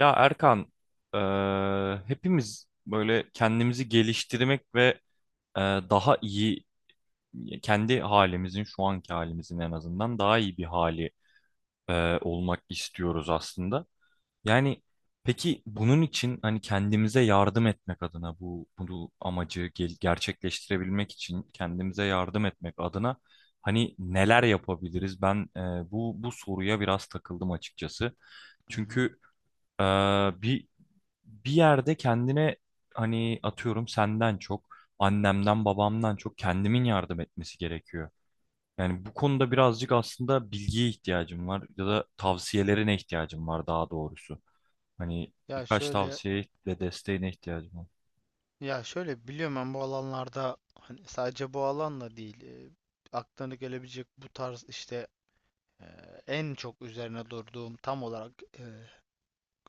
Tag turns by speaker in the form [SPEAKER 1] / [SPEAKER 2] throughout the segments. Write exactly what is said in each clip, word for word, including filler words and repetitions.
[SPEAKER 1] Ya Erkan, eee, hepimiz böyle kendimizi geliştirmek ve eee, daha iyi kendi halimizin şu anki halimizin en azından daha iyi bir hali eee, olmak istiyoruz aslında. Yani peki bunun için hani kendimize yardım etmek adına bu bu amacı gel- gerçekleştirebilmek için kendimize yardım etmek adına hani neler yapabiliriz? Ben eee, bu bu soruya biraz takıldım açıkçası.
[SPEAKER 2] Hı hı.
[SPEAKER 1] Çünkü ee, bir bir yerde kendine hani atıyorum senden çok, annemden, babamdan çok kendimin yardım etmesi gerekiyor. Yani bu konuda birazcık aslında bilgiye ihtiyacım var ya da tavsiyelerine ihtiyacım var daha doğrusu. Hani
[SPEAKER 2] Ya
[SPEAKER 1] birkaç
[SPEAKER 2] şöyle
[SPEAKER 1] tavsiye ve desteğine ihtiyacım var.
[SPEAKER 2] ya şöyle biliyorum ben bu alanlarda hani sadece bu alanla değil e, aklına gelebilecek bu tarz işte e, en çok üzerine durduğum tam olarak e,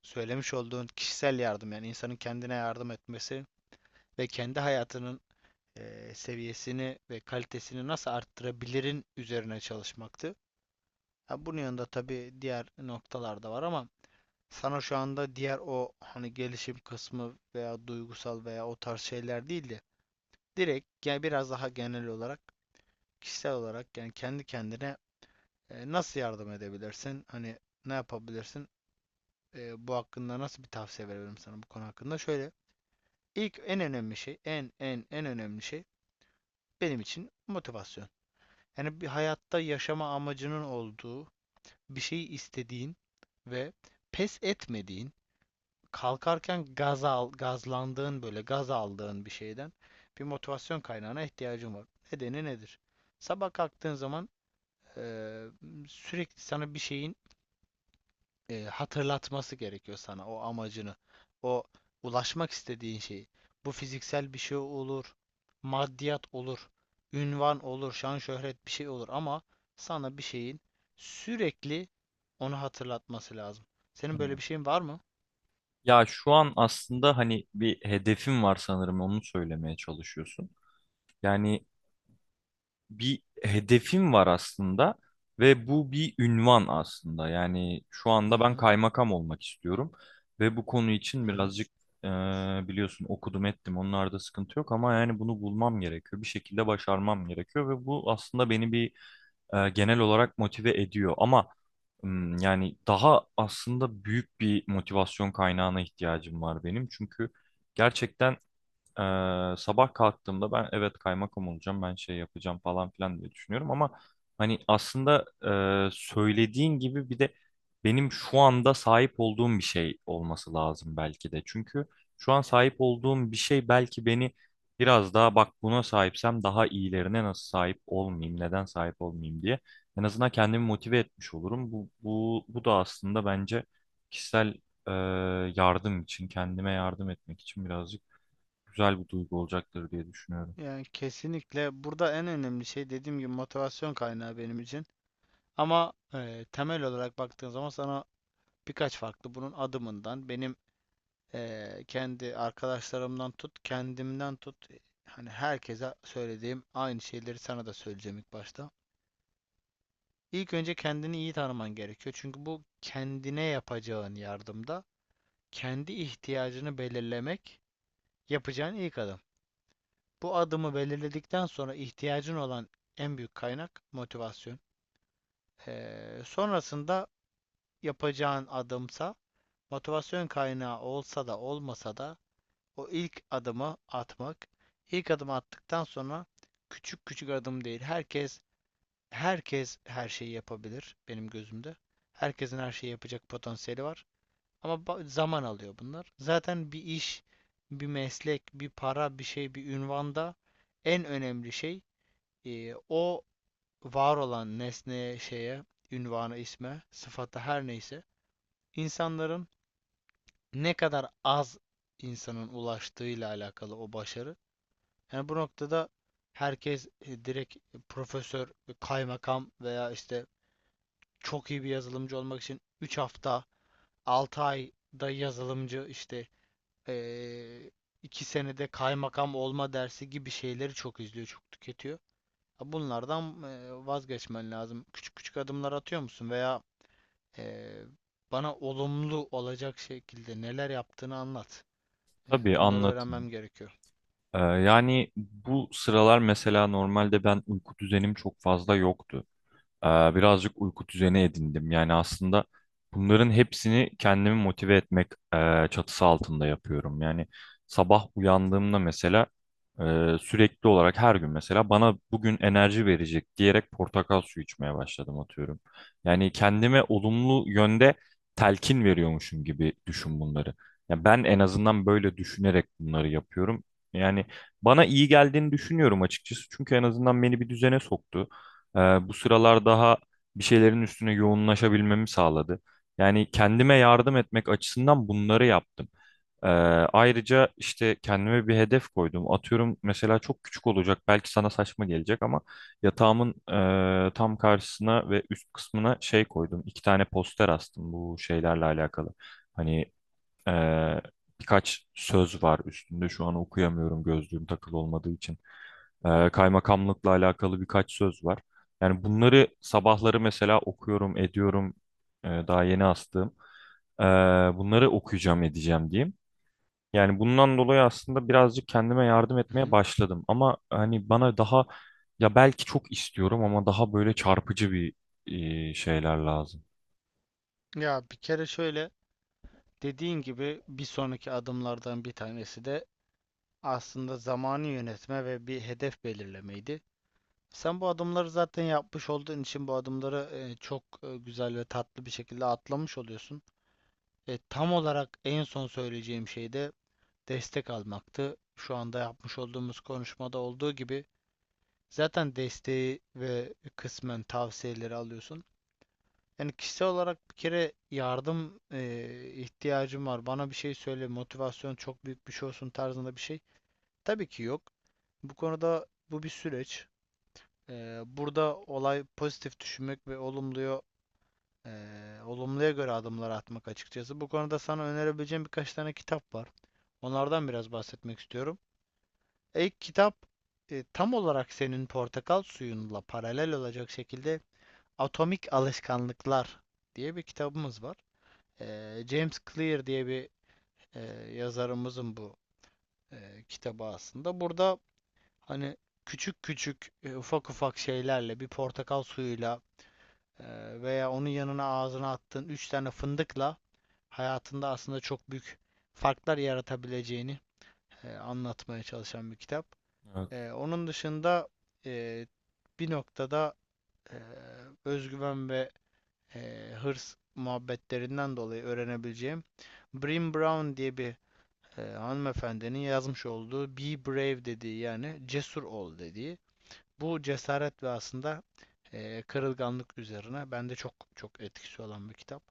[SPEAKER 2] söylemiş olduğun kişisel yardım yani insanın kendine yardım etmesi ve kendi hayatının e, seviyesini ve kalitesini nasıl arttırabilirin üzerine çalışmaktı. Ha, bunun yanında tabii diğer noktalar da var ama sana şu anda diğer o hani gelişim kısmı veya duygusal veya o tarz şeyler değil de direkt yani biraz daha genel olarak kişisel olarak yani kendi kendine e, nasıl yardım edebilirsin? Hani ne yapabilirsin? E, bu hakkında nasıl bir tavsiye verebilirim sana bu konu hakkında? Şöyle ilk en önemli şey en en en önemli şey benim için motivasyon. Yani bir hayatta yaşama amacının olduğu bir şeyi istediğin ve pes etmediğin kalkarken gaz al, gazlandığın böyle gaz aldığın bir şeyden bir motivasyon kaynağına ihtiyacın var. Nedeni nedir? Sabah kalktığın zaman eee, sürekli sana bir şeyin eee, hatırlatması gerekiyor sana o amacını. O ulaşmak istediğin şeyi. Bu fiziksel bir şey olur, maddiyat olur, ünvan olur, şan şöhret bir şey olur ama sana bir şeyin sürekli onu hatırlatması lazım. Senin böyle
[SPEAKER 1] Evet.
[SPEAKER 2] bir şeyin var mı?
[SPEAKER 1] Ya şu an aslında hani bir hedefim var sanırım onu söylemeye çalışıyorsun. Yani bir hedefim var aslında ve bu bir ünvan aslında. Yani şu
[SPEAKER 2] Hı
[SPEAKER 1] anda ben
[SPEAKER 2] hı.
[SPEAKER 1] kaymakam olmak istiyorum ve bu konu için
[SPEAKER 2] hı hı.
[SPEAKER 1] birazcık e, biliyorsun okudum ettim onlarda sıkıntı yok ama yani bunu bulmam gerekiyor. Bir şekilde başarmam gerekiyor ve bu aslında beni bir e, genel olarak motive ediyor ama m, yani daha aslında büyük bir motivasyon kaynağına ihtiyacım var benim çünkü gerçekten ee, sabah kalktığımda ben evet kaymakam olacağım, ben şey yapacağım falan filan diye düşünüyorum ama hani aslında e, söylediğin gibi bir de benim şu anda sahip olduğum bir şey olması lazım belki de. Çünkü şu an sahip olduğum bir şey belki beni biraz daha bak buna sahipsem daha iyilerine nasıl sahip olmayayım, neden sahip olmayayım diye en azından kendimi motive etmiş olurum. Bu, bu, bu da aslında bence kişisel e, yardım için, kendime yardım etmek için birazcık güzel bir duygu olacaktır diye düşünüyorum.
[SPEAKER 2] Yani kesinlikle burada en önemli şey dediğim gibi motivasyon kaynağı benim için. Ama eee, temel olarak baktığın zaman sana birkaç farklı bunun adımından benim. Eee, kendi arkadaşlarımdan tut, kendimden tut. Hani herkese söylediğim aynı şeyleri sana da söyleyeceğim ilk başta. İlk önce kendini iyi tanıman gerekiyor. Çünkü bu kendine yapacağın yardımda kendi ihtiyacını belirlemek yapacağın ilk adım. Bu adımı belirledikten sonra ihtiyacın olan en büyük kaynak motivasyon. Eee, sonrasında yapacağın adımsa motivasyon kaynağı olsa da olmasa da o ilk adımı atmak. İlk adımı attıktan sonra küçük küçük adım değil. Herkes herkes her şeyi yapabilir benim gözümde. Herkesin her şeyi yapacak potansiyeli var. Ama zaman alıyor bunlar. Zaten bir iş, bir meslek, bir para, bir şey, bir ünvanda en önemli şey e, o var olan nesneye, şeye, ünvana, isme, sıfata her neyse insanların ne kadar az insanın ulaştığıyla alakalı o başarı. Yani bu noktada herkes e, direkt e, profesör, e, kaymakam veya işte çok iyi bir yazılımcı olmak için üç hafta, altı ayda yazılımcı işte eee iki senede kaymakam olma dersi gibi şeyleri çok izliyor, çok tüketiyor. Ha, bunlardan eee, vazgeçmen lazım. Küçük küçük adımlar atıyor musun veya eee, bana olumlu olacak şekilde neler yaptığını anlat. Eee,
[SPEAKER 1] Tabii
[SPEAKER 2] bunları
[SPEAKER 1] anlatın.
[SPEAKER 2] öğrenmem gerekiyor.
[SPEAKER 1] Ee, yani bu sıralar mesela normalde ben uyku düzenim çok fazla yoktu. Ee, Birazcık uyku düzeni edindim. Yani aslında bunların hepsini kendimi motive etmek e, çatısı altında yapıyorum. Yani sabah uyandığımda mesela e, sürekli olarak her gün mesela bana bugün enerji verecek diyerek portakal suyu içmeye başladım atıyorum. Yani kendime olumlu yönde telkin veriyormuşum gibi düşün bunları. Ya ben en azından böyle düşünerek bunları yapıyorum. Yani bana iyi geldiğini düşünüyorum açıkçası. Çünkü en azından beni bir düzene soktu. Ee, Bu sıralar daha bir şeylerin üstüne yoğunlaşabilmemi sağladı. Yani kendime yardım etmek açısından bunları yaptım. Ee, Ayrıca işte kendime bir hedef koydum. Atıyorum mesela çok küçük olacak, belki sana saçma gelecek ama yatağımın e, tam karşısına ve üst kısmına şey koydum. İki tane poster astım bu şeylerle alakalı. Hani ee, birkaç söz var üstünde. Şu an okuyamıyorum gözlüğüm takılı olmadığı için. Ee, kaymakamlıkla alakalı birkaç söz var. Yani bunları sabahları mesela okuyorum, ediyorum. Ee, daha yeni astığım. Ee, Bunları okuyacağım, edeceğim diyeyim. Yani bundan dolayı aslında birazcık kendime yardım
[SPEAKER 2] Hı
[SPEAKER 1] etmeye
[SPEAKER 2] hı.
[SPEAKER 1] başladım. Ama hani bana daha ya belki çok istiyorum ama daha böyle çarpıcı bir e, şeyler lazım.
[SPEAKER 2] Ya bir kere şöyle. Dediğin gibi bir sonraki adımlardan bir tanesi de aslında zamanı yönetme ve bir hedef belirlemeydi. Sen bu adımları zaten yapmış olduğun için bu adımları e, çok e, güzel ve tatlı bir şekilde atlamış oluyorsun. E, tam olarak en son söyleyeceğim şey de destek almaktı. Şu anda yapmış olduğumuz konuşmada olduğu gibi zaten desteği ve kısmen tavsiyeleri alıyorsun. Yani kişisel olarak bir kere yardım eee, ihtiyacım var. Bana bir şey söyle, motivasyon çok büyük bir şey olsun tarzında bir şey. Tabii ki yok. Bu konuda bu bir süreç. Eee, burada olay pozitif düşünmek ve olumluya eee, olumluya göre adımlar atmak açıkçası. Bu konuda sana önerebileceğim birkaç tane kitap var. Onlardan biraz bahsetmek istiyorum. İlk kitap e, tam olarak senin portakal suyunla paralel olacak şekilde Atomik Alışkanlıklar diye bir kitabımız var. Ee, James Clear diye bir e, yazarımızın bu e, kitabı aslında. Burada hani küçük küçük e, ufak ufak şeylerle bir portakal suyuyla e, veya onun yanına ağzına attığın üç tane fındıkla hayatında aslında çok büyük farklar yaratabileceğini e, anlatmaya çalışan bir kitap.
[SPEAKER 1] Evet.
[SPEAKER 2] E, onun dışında e, bir noktada e, özgüven ve e, hırs muhabbetlerinden dolayı öğrenebileceğim Brené Brown diye bir e, hanımefendinin yazmış olduğu Be Brave dediği yani cesur ol dediği. Bu cesaret ve aslında e, kırılganlık üzerine bende çok çok etkisi olan bir kitap.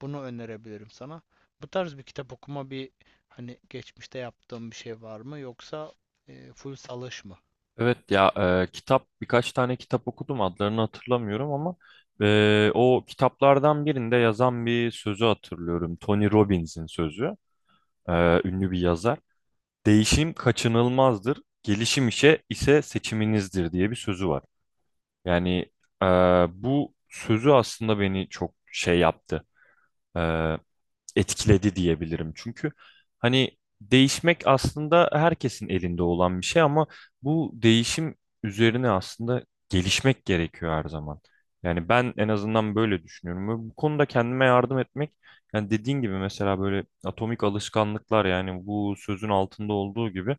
[SPEAKER 2] Bunu önerebilirim sana. Bu tarz bir kitap okuma bir hani geçmişte yaptığım bir şey var mı yoksa e, full salış mı?
[SPEAKER 1] Evet ya e, kitap birkaç tane kitap okudum adlarını hatırlamıyorum ama e, o kitaplardan birinde yazan bir sözü hatırlıyorum. Tony Robbins'in sözü. E, ünlü bir yazar. Değişim kaçınılmazdır, gelişim işe ise seçiminizdir diye bir sözü var. Yani e, bu sözü aslında beni çok şey yaptı. E, etkiledi diyebilirim. Çünkü hani değişmek aslında herkesin elinde olan bir şey ama bu değişim üzerine aslında gelişmek gerekiyor her zaman. Yani ben en azından böyle düşünüyorum. Ve bu konuda kendime yardım etmek, yani dediğin gibi mesela böyle atomik alışkanlıklar yani bu sözün altında olduğu gibi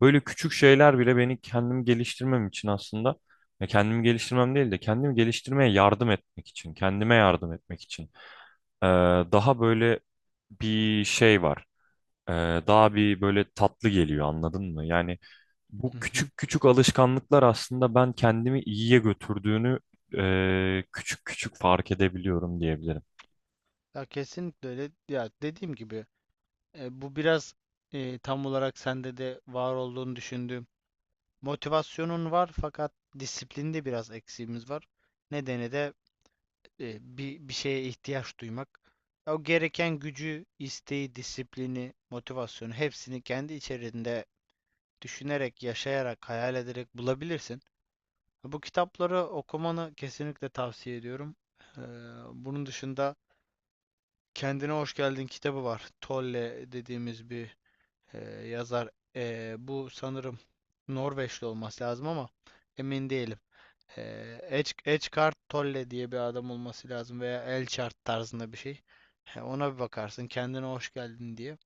[SPEAKER 1] böyle küçük şeyler bile beni kendim geliştirmem için aslında ya kendimi geliştirmem değil de kendimi geliştirmeye yardım etmek için, kendime yardım etmek için ee, daha böyle bir şey var. Ee, Daha bir böyle tatlı geliyor anladın mı? Yani bu
[SPEAKER 2] Hı hı.
[SPEAKER 1] küçük küçük alışkanlıklar aslında ben kendimi iyiye götürdüğünü e, küçük küçük fark edebiliyorum diyebilirim.
[SPEAKER 2] Ya kesinlikle öyle. Ya dediğim gibi e, bu biraz e, tam olarak sende de var olduğunu düşündüğüm motivasyonun var fakat disiplinde biraz eksiğimiz var. Nedeni de e, bir, bir şeye ihtiyaç duymak. O gereken gücü, isteği, disiplini, motivasyonu hepsini kendi içerisinde düşünerek, yaşayarak, hayal ederek bulabilirsin. Bu kitapları okumanı kesinlikle tavsiye ediyorum. Eee, Bunun dışında Kendine Hoş Geldin kitabı var. Tolle dediğimiz bir eee, yazar. Eee, bu sanırım Norveçli olması lazım ama emin değilim. Ee, Edge, Edgecard Tolle diye bir adam olması lazım veya Elchart tarzında bir şey. He, ona bir bakarsın kendine hoş geldin diye.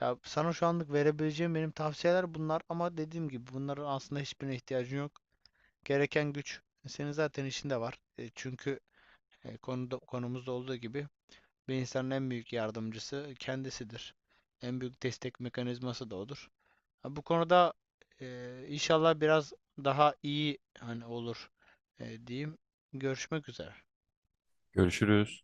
[SPEAKER 2] Ya sana şu anlık verebileceğim benim tavsiyeler bunlar ama dediğim gibi bunların aslında hiçbirine ihtiyacın yok. Gereken güç senin zaten içinde var. E, çünkü e, konuda konumuzda olduğu gibi ve insanın en büyük yardımcısı kendisidir. En büyük destek mekanizması da odur. Ha, bu konuda e, inşallah biraz daha iyi hani olur e, diyeyim. Görüşmek üzere.
[SPEAKER 1] Görüşürüz.